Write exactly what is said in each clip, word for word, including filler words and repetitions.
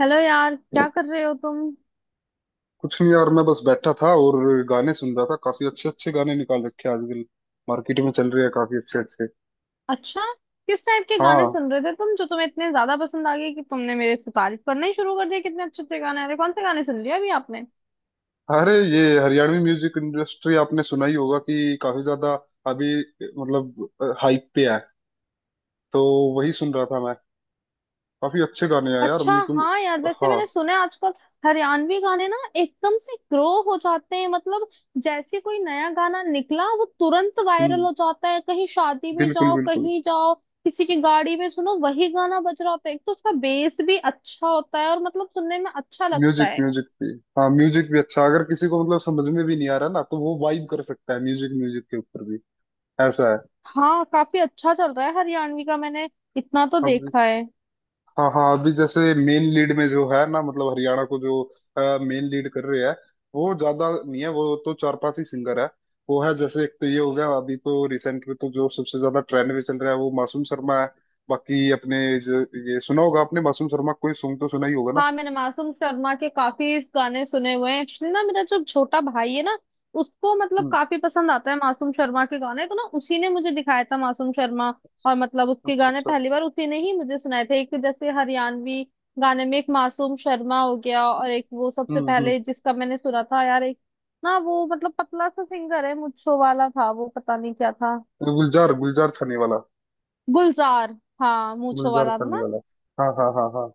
Hello यार, क्या कर रहे हो तुम। कुछ नहीं यार, मैं बस बैठा था और गाने सुन रहा था। काफी अच्छे अच्छे गाने निकाल रखे हैं आजकल मार्केट में, चल रहे हैं काफी अच्छे अच्छे। अच्छा, किस टाइप के गाने हाँ, सुन रहे थे तुम जो तुम्हें इतने ज्यादा पसंद आ गए कि तुमने मेरे से तारीफ करना ही शुरू कर दिया? कितने अच्छे अच्छे गाने आ रहे? कौन से गाने सुन लिए अभी आपने? अरे ये हरियाणवी म्यूजिक इंडस्ट्री आपने सुना ही होगा कि काफी ज्यादा अभी मतलब हाइप पे है। तो वही सुन रहा था मैं। काफी अच्छे गाने हैं यार, अच्छा बिल्कुल। हाँ यार, वैसे हाँ। मैंने सुना है आजकल हरियाणवी गाने ना एकदम से ग्रो हो जाते हैं। मतलब, जैसे कोई नया गाना निकला वो तुरंत वायरल हम्म। हो जाता है। कहीं शादी में बिल्कुल जाओ, बिल्कुल। कहीं जाओ, किसी की गाड़ी में सुनो, वही गाना बज रहा होता है। एक तो उसका बेस भी अच्छा होता है, और मतलब सुनने में अच्छा लगता म्यूजिक है। म्यूजिक भी, हाँ म्यूजिक भी अच्छा। अगर किसी को मतलब समझ में भी नहीं आ रहा ना, तो वो वाइब कर सकता है म्यूजिक म्यूजिक के ऊपर भी। ऐसा है। हाँ, काफी अच्छा चल रहा है हरियाणवी का, मैंने इतना तो अब, देखा है। हाँ हाँ, अभी जैसे मेन लीड में जो है ना, मतलब हरियाणा को जो मेन लीड कर रहे हैं, वो ज्यादा नहीं है। वो तो चार पांच ही सिंगर है। वो है जैसे, एक तो ये हो गया, अभी तो रिसेंट में तो जो सबसे ज्यादा ट्रेंड में चल रहा है वो मासूम शर्मा है। बाकी अपने ज- ये सुना होगा आपने, मासूम शर्मा कोई सॉन्ग तो सुना ही होगा ना। हाँ, मैंने मासूम शर्मा के काफी गाने सुने हुए हैं। एक्चुअली ना, मेरा जो छोटा भाई है ना, उसको मतलब हम्म। काफी पसंद आता है मासूम शर्मा के गाने, तो ना उसी ने मुझे दिखाया था मासूम शर्मा। और मतलब उसके अच्छा गाने अच्छा। पहली बार उसी ने ही मुझे सुनाए थे। एक जैसे हरियाणवी गाने में एक मासूम शर्मा हो गया, और एक वो सबसे हम्म हम्म। पहले जिसका मैंने सुना था यार, एक ना, वो मतलब पतला सा सिंगर है, मूंछों वाला था वो, पता नहीं क्या था। गुलजार, गुलजार छाने वाला। गुलजार, हाँ, मूंछों गुलजार वाला था छाने ना। वाला। हाँ हाँ हाँ हाँ।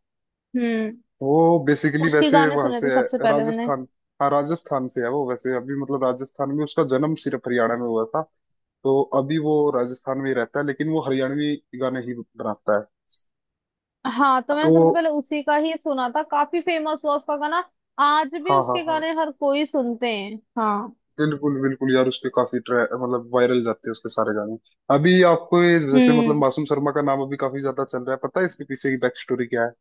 हम्म वो बेसिकली उसके वैसे गाने वहां सुने से थे है, सबसे पहले मैंने। राजस्थान। हाँ, राजस्थान से है वो वैसे। अभी मतलब राजस्थान में उसका जन्म, सिर्फ हरियाणा में हुआ था। तो अभी वो राजस्थान में ही रहता है, लेकिन वो हरियाणवी गाने ही बनाता है। हाँ, तो तो, मैंने सबसे पहले उसी का ही सुना था। काफी फेमस हुआ उसका गाना। आज भी हाँ हाँ उसके हाँ, गाने हर कोई सुनते हैं। हाँ। बिल्कुल बिल्कुल यार, उसके काफी ट्रै मतलब वायरल जाते हैं उसके सारे गाने। अभी आपको ये जैसे मतलब हम्म। मासूम शर्मा का नाम अभी काफी ज्यादा चल रहा है, पता है इसके पीछे की बैक स्टोरी क्या है?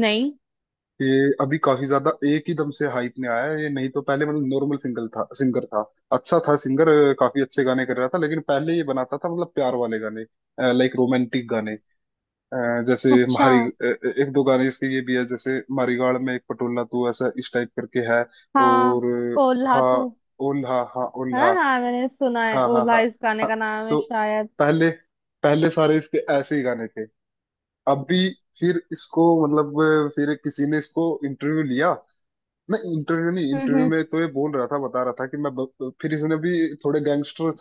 नहीं। ये अभी काफी ज्यादा एक ही दम से हाइप में आया है ये। नहीं तो पहले मतलब नॉर्मल सिंगल था सिंगर था। अच्छा था सिंगर। काफी अच्छे गाने कर रहा था। लेकिन पहले ये बनाता था मतलब प्यार वाले गाने, लाइक रोमांटिक गाने। अ, जैसे अच्छा। म्हारी, अ, एक दो गाने इसके ये भी है जैसे, मारीगाड़ में एक पटोला तू, ऐसा इस टाइप करके है। हाँ, और, ओल्हा हाँ, तू। ओल्हा, हाँ है ओल्हा। ना, हाँ, मैंने सुना है, हाँ हाँ ओल्हा हाँ इस गाने हाँ। का नाम है तो शायद। पहले पहले सारे इसके ऐसे ही गाने थे। अभी, फिर इसको मतलब, फिर किसी ने इसको इंटरव्यू लिया। नहीं, इंटरव्यू नहीं, हम्म हम्म। इंटरव्यू में तो ये बोल रहा था, बता रहा था कि मैं ब- फिर इसने भी थोड़े गैंगस्टर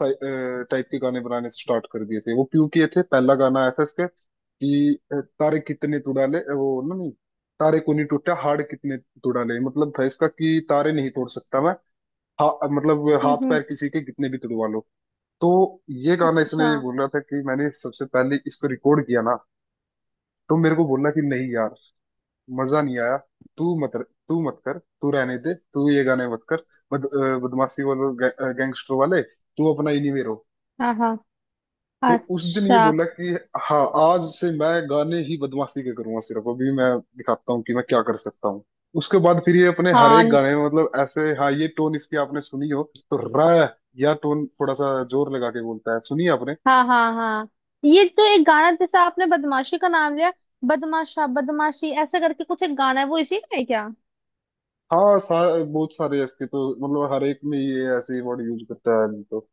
टाइप के गाने बनाने स्टार्ट कर दिए थे। वो क्यों किए थे? पहला गाना आया था इसका कि अ, तारे कितने तुड़ाले, वो ना, नहीं तारे को नहीं, टूटा हाड़ कितने तुड़ाले। मतलब था इसका कि तारे नहीं तोड़ सकता मैं, हा, मतलब हम्म हाथ हम्म। पैर किसी के कितने भी तुड़वा लो। तो ये गाना, इसने अच्छा। बोल रहा था कि मैंने सबसे पहले इसको रिकॉर्ड किया ना, तो मेरे को बोला कि नहीं यार, मजा नहीं आया। तू मत तू मत कर, तू रहने दे, तू ये गाने मत कर। बद, अ, बदमाशी वाले, गैंगस्टर वाले, तू अपना इन्हीं में रहो। हाँ हाँ। तो उस दिन ये अच्छा। बोला कि हाँ, आज से मैं गाने ही बदमाशी के करूंगा सिर्फ। अभी मैं दिखाता हूँ कि मैं क्या कर सकता हूँ। उसके बाद फिर ये अपने हर हाँ एक न- गाने में मतलब ऐसे, हाँ, ये टोन इसकी आपने सुनी हो तो, र, या टोन थोड़ा सा जोर लगा के बोलता है, सुनिए आपने। हाँ हाँ हाँ। ये तो एक गाना, जैसे आपने बदमाशी का नाम लिया, बदमाशा बदमाशी ऐसा करके कुछ एक गाना है, वो इसी का है क्या? हाँ, सा, बहुत सारे इसके तो मतलब हर एक में ये ऐसे वर्ड यूज करता है। तो,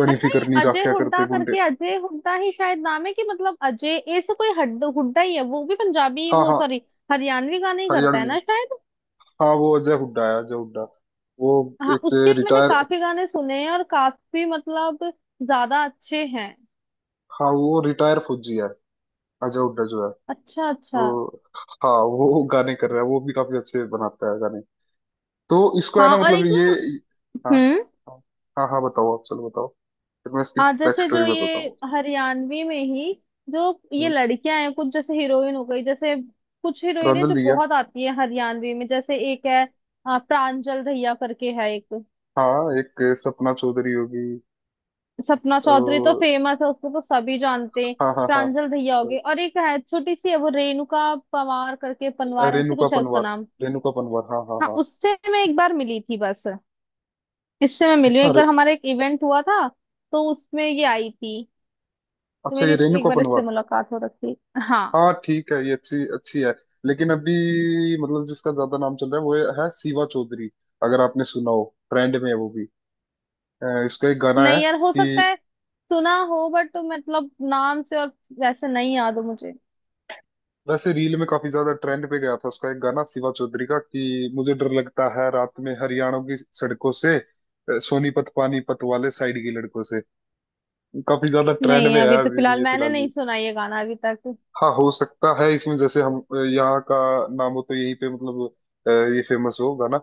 घणी अच्छा, ये फिकर नहीं अजय राख्या करते हुड्डा गुंडे। करके, अजय हुड्डा ही शायद नाम है कि, मतलब अजय ऐसे कोई हड हुड्डा ही है वो भी पंजाबी हाँ वो, हाँ, सॉरी, हरियाणवी गाने ही करता है हरियाणवी, ना शायद। हाँ वो अजय हुड्डा है, अजय हुड्डा। वो हाँ, एक उसके भी मैंने रिटायर, काफी गाने सुने हैं और काफी मतलब ज्यादा अच्छे हैं। हाँ वो रिटायर फौजी है अजय हुड्डा जो है। अच्छा अच्छा। तो, हाँ वो गाने कर रहा है, वो भी काफी अच्छे बनाता है गाने। तो इसको है हाँ, ना और मतलब एक ये, ना। हाँ हम्म। हाँ, हाँ हाँ, बताओ आप, चलो बताओ, फिर मैं इसकी आ बैक जैसे स्टोरी जो बताता ये हूँ। हरियाणवी में ही, जो ये हम्म। लड़कियां हैं, कुछ जैसे हीरोइन हो गई जैसे, कुछ हीरोइनें प्रांजल जो दिया। बहुत आती है हरियाणवी में, जैसे एक है आ, प्रांजल दहिया करके है एक। हाँ, एक सपना चौधरी होगी, सपना चौधरी तो और, फेमस है, उसको तो सभी जानते हैं। हाँ हाँ हाँ। प्रांजल दहिया होगी, और एक है छोटी सी है वो, रेणुका पवार करके, पनवार ऐसे रेणुका कुछ है उसका पनवार, नाम। रेणुका पनवार, हाँ हाँ हाँ, हाँ। उससे मैं एक बार मिली थी बस, इससे मैं मिली हूँ अच्छा एक रे, बार, हमारा एक इवेंट हुआ था, तो उसमें ये आई थी, तो अच्छा मेरी ये इस- एक रेणुका बार इससे पनवार। मुलाकात हो रखी। हाँ। हाँ ठीक है, ये अच्छी अच्छी है। लेकिन अभी मतलब जिसका ज्यादा नाम चल रहा है वो है सीवा चौधरी, अगर आपने सुना हो। ट्रेंड में है वो भी। अ, इसका एक गाना है नहीं यार, हो सकता कि, है सुना हो, बट तो मतलब नाम से और वैसे नहीं याद हो मुझे। वैसे रील में काफी ज्यादा ट्रेंड पे गया था उसका एक गाना, सिवा चौधरी का, कि मुझे डर लगता है रात में हरियाणा की सड़कों से, अ, सोनीपत पानीपत वाले साइड की लड़कों से। काफी ज्यादा ट्रेंड नहीं, में है अभी तो अभी भी फिलहाल ये, मैंने फिलहाल भी। नहीं सुना ये गाना अभी तक। हाँ, हो सकता है इसमें जैसे हम, अ, यहाँ का नाम हो तो यहीं पे मतलब, अ, ये फेमस हो गाना।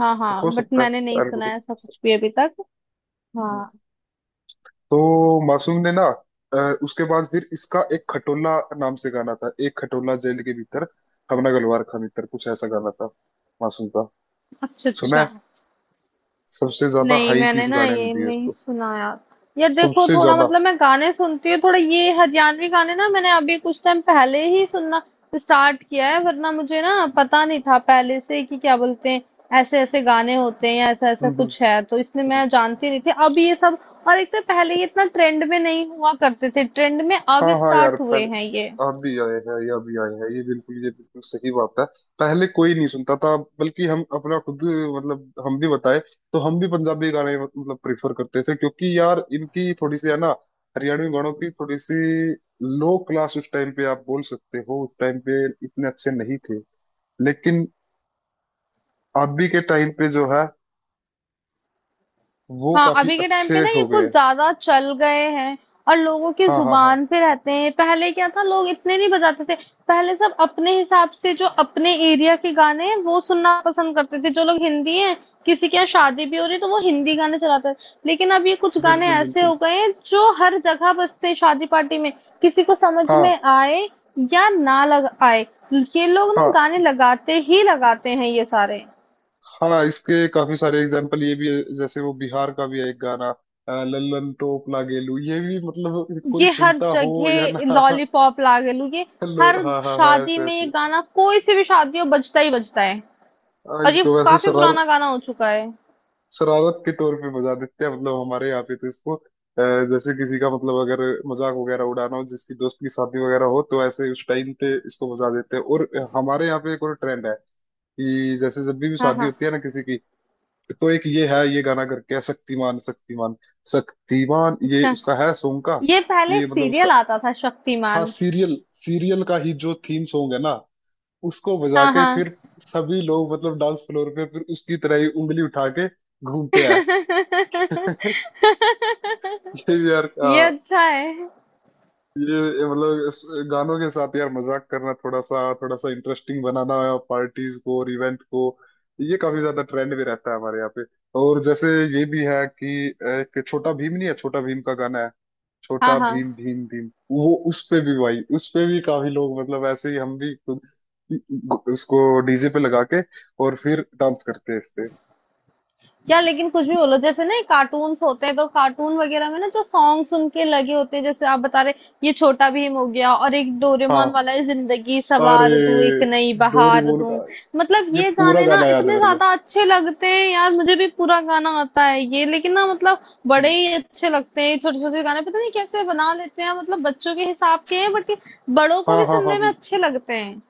हाँ हो हाँ, बट सकता मैंने है नहीं सुना है algorithm ऐसा से। कुछ भी अभी तक। हाँ। तो मासूम ने ना, अ, उसके बाद फिर इसका एक खटोला नाम से गाना था, एक खटोला जेल के भीतर, हमना गलवार खा भीतर, कुछ ऐसा गाना था मासूम का, अच्छा सुना अच्छा। है। सबसे ज्यादा नहीं, हाई मैंने पीस ना गाने ने ये दिए नहीं इसको, सुना यार। यार देखो, सबसे थोड़ा ज्यादा। मतलब मैं गाने सुनती हूँ थोड़ा, ये हरियाणवी गाने ना मैंने अभी कुछ टाइम पहले ही सुनना स्टार्ट किया है। वरना मुझे ना पता नहीं था पहले से कि क्या बोलते हैं, ऐसे ऐसे गाने होते हैं या ऐसा ऐसा हम्म कुछ है, तो इसलिए हम्म। मैं जानती नहीं थी अब ये सब। और एक तो पहले ये इतना ट्रेंड में नहीं हुआ करते थे, ट्रेंड में अब हाँ हाँ यार, स्टार्ट हुए पहले हैं ये। आप भी आए हैं या भी आए हैं ये बिल्कुल ये बिल्कुल सही बात है। पहले कोई नहीं सुनता था, बल्कि हम अपना खुद मतलब, हम भी बताए तो हम भी पंजाबी गाने मतलब प्रेफर करते थे, क्योंकि यार इनकी थोड़ी सी है ना, हरियाणवी गानों की थोड़ी सी लो क्लास उस टाइम पे, आप बोल सकते हो, उस टाइम पे इतने अच्छे नहीं थे। लेकिन अभी के टाइम पे जो है वो हाँ, काफी अभी के टाइम पे अच्छे ना ये हो गए कुछ हैं। ज्यादा चल गए हैं और लोगों की हाँ हाँ हाँ, जुबान पे रहते हैं। पहले क्या था, लोग इतने नहीं बजाते थे। पहले सब अपने हिसाब से जो अपने एरिया के गाने हैं वो सुनना पसंद करते थे। जो लोग हिंदी हैं, किसी के यहाँ शादी भी हो रही है, तो वो हिंदी गाने चलाते हैं। लेकिन अब ये कुछ गाने बिल्कुल ऐसे बिल्कुल, हो गए हैं जो हर जगह बजते हैं शादी पार्टी में। किसी को समझ में हाँ आए या ना लग आए, ये लोग ना हाँ गाने लगाते ही लगाते हैं ये सारे। हाँ, हाँ, इसके काफी सारे एग्जाम्पल ये भी है, जैसे वो बिहार का भी है एक गाना, अ, लल्लन टोप लागेलू, ये भी मतलब, कोई ये हर सुनता हो या जगह ना। लॉलीपॉप लागे लू, ये लो, हर हाँ हाँ हाँ, शादी ऐसे में ये ऐसे। गाना, कोई से भी शादी हो, बजता ही बजता है। हाँ, और ये इसको वैसे काफी शरारत पुराना गाना हो चुका है। शरारत के तौर पे बजा देते हैं मतलब हमारे यहाँ पे तो इसको, अ, जैसे किसी का मतलब, अगर मजाक वगैरह उड़ाना हो, जिसकी दोस्त की शादी वगैरह हो, तो ऐसे उस टाइम पे इसको बजा देते हैं। और हमारे यहाँ पे एक और ट्रेंड है कि जैसे जब भी भी हाँ शादी हाँ। होती है ना किसी की, तो एक ये है, ये गाना करके है शक्तिमान शक्तिमान, शक्तिमान, ये अच्छा, उसका है सॉन्ग का। ये पहले ये एक मतलब उसका, सीरियल आता था हाँ, शक्तिमान। सीरियल सीरियल का ही जो थीम सॉन्ग है ना उसको बजा हाँ के हाँ। फिर सभी लोग मतलब डांस फ्लोर पे फिर उसकी तरह ही उंगली उठा के घूमते हैं। ये भी यार, ये हाँ। अच्छा है। ये ये मतलब इस गानों के साथ यार मजाक करना, थोड़ा सा थोड़ा सा इंटरेस्टिंग बनाना पार्टीज को और इवेंट को, ये काफी ज्यादा ट्रेंड में रहता है हमारे यहाँ पे। और जैसे ये भी है कि, एक छोटा भीम, नहीं है, छोटा भीम का गाना है, हाँ छोटा हाँ। भीम भीम भीम, वो, उस पे भी भाई उस पे भी काफी लोग मतलब ऐसे ही, हम भी खुद उसको डीजे पे लगा के और फिर डांस करते हैं इस पे। यार लेकिन कुछ भी बोलो, जैसे ना कार्टून्स होते हैं, तो कार्टून वगैरह में ना जो सॉन्ग सुन के लगे होते हैं जैसे आप बता रहे, ये छोटा भीम हो गया और एक हाँ, डोरेमोन वाला है, जिंदगी अरे, सवार दूं एक नई डोरी बहार बोल दूं। का, मतलब ये ये पूरा गाने ना गाना याद है इतने मेरे को। ज्यादा अच्छे लगते हैं यार, मुझे भी पूरा गाना आता है ये, लेकिन ना मतलब बड़े हम्म। ही अच्छे लगते हैं छोटे छोटे गाने। पता नहीं कैसे बना लेते हैं, मतलब बच्चों के हिसाब के हैं बट बड़ों को हाँ भी हाँ हाँ, सुनने में अच्छे लगते हैं।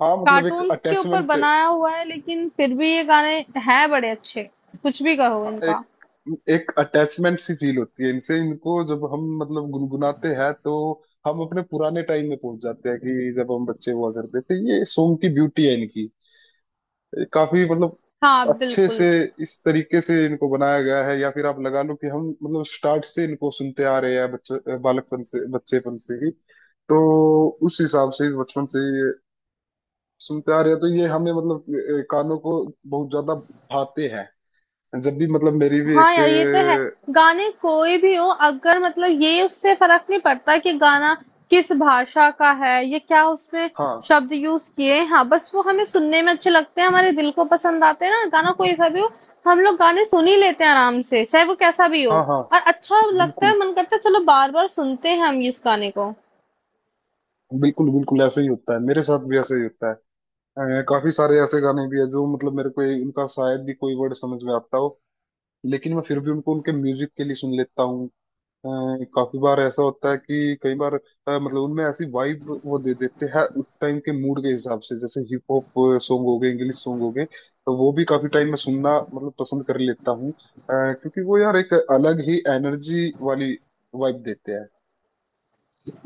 हाँ मतलब एक कार्टून्स के ऊपर अटैचमेंट, बनाया हुआ है लेकिन फिर भी ये गाने हैं बड़े अच्छे, कुछ भी कहो एक इनका। एक अटैचमेंट सी फील होती है इनसे। इनको जब हम मतलब गुनगुनाते हैं तो हम अपने पुराने टाइम में पहुंच जाते हैं, कि जब हम बच्चे हुआ करते थे। ये सॉन्ग की ब्यूटी है इनकी, काफी मतलब हाँ, अच्छे से बिल्कुल। इस तरीके से इनको बनाया गया है। या फिर आप लगा लो कि हम मतलब स्टार्ट से इनको सुनते आ रहे हैं, बच्चे, बालकपन से, बच्चेपन से ही। तो उस हिसाब से बचपन से ये सुनते आ रहे हैं, तो ये हमें मतलब, अ, कानों को बहुत ज्यादा भाते हैं। जब भी मतलब मेरी भी हाँ एक, यार, ये तो है। गाने कोई भी हो, अगर मतलब ये उससे फ़र्क नहीं पड़ता कि गाना किस भाषा का है या क्या उसमें हाँ शब्द यूज़ किए हैं। हाँ, बस वो हमें सुनने में अच्छे लगते हैं, हमारे दिल को पसंद आते हैं ना, गाना कोई सा भी हो, हम लोग गाने सुन ही लेते हैं आराम से, चाहे वो कैसा भी हो, हाँ हाँ, और अच्छा लगता बिल्कुल है, मन करता है चलो बार-बार सुनते हैं हम इस गाने को। बिल्कुल, बिल्कुल ऐसा ही होता है, मेरे साथ भी ऐसा ही होता है। अ, काफी सारे ऐसे गाने भी है जो मतलब मेरे को उनका शायद ही कोई वर्ड समझ में आता हो, लेकिन मैं फिर भी उनको उनके म्यूजिक के लिए सुन लेता हूँ। अ, काफी बार ऐसा होता है कि, कई बार अ, मतलब उनमें ऐसी वाइब वो दे देते हैं उस टाइम के मूड के हिसाब से, जैसे हिप हॉप सॉन्ग हो गए, इंग्लिश सॉन्ग हो गए, तो वो भी काफी टाइम में सुनना मतलब पसंद कर लेता हूँ, अ, क्योंकि वो यार एक अलग ही एनर्जी वाली वाइब देते हैं।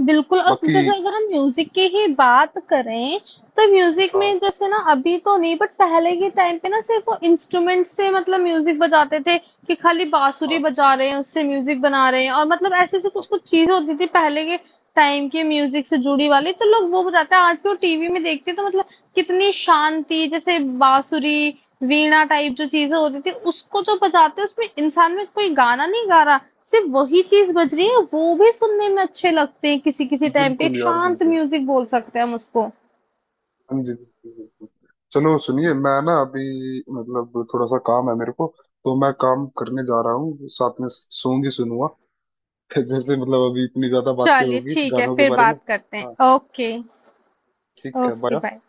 बिल्कुल। और बाकी, जैसे अगर हम म्यूज़िक की ही बात करें, तो म्यूज़िक हाँ में जैसे ना, अभी तो नहीं बट पहले के टाइम पे ना सिर्फ़ वो इंस्ट्रूमेंट से मतलब म्यूज़िक बजाते थे, कि खाली बाँसुरी हाँ बजा रहे हैं, उससे म्यूज़िक बना रहे हैं, और मतलब ऐसी-ऐसी हाँ, कुछ-कुछ चीज़ें होती थी पहले के टाइम की म्यूज़िक से जुड़ी वाली, तो लोग वो बजाते हैं। आज भी वो टीवी में देखते हैं तो मतलब कितनी शांति। जैसे बाँसुरी, वीणा टाइप जो चीज़ें होती थी उसको जो बजाते हैं, उसमें इंसान में कोई गाना नहीं गा रहा, सिर्फ़ वही चीज़ बज रही है, वो भी सुनने में अच्छे लगते हैं किसी-किसी टाइम पे, बिल्कुल एक यार शांत बिल्कुल, म्यूज़िक बोल सकते हैं हम उसको। हाँ जी, बिल्कुल बिल्कुल। चलो, सुनिए, मैं ना अभी मतलब थोड़ा सा काम है मेरे को, तो मैं काम करने जा रहा हूँ, साथ में सॉन्ग ही सुनूंगा। जैसे मतलब अभी इतनी ज्यादा बातें चलिए होगी ठीक है, गानों के फिर बारे में। बात करते हैं। हाँ ओके, ठीक है, ओके बाय। बाय।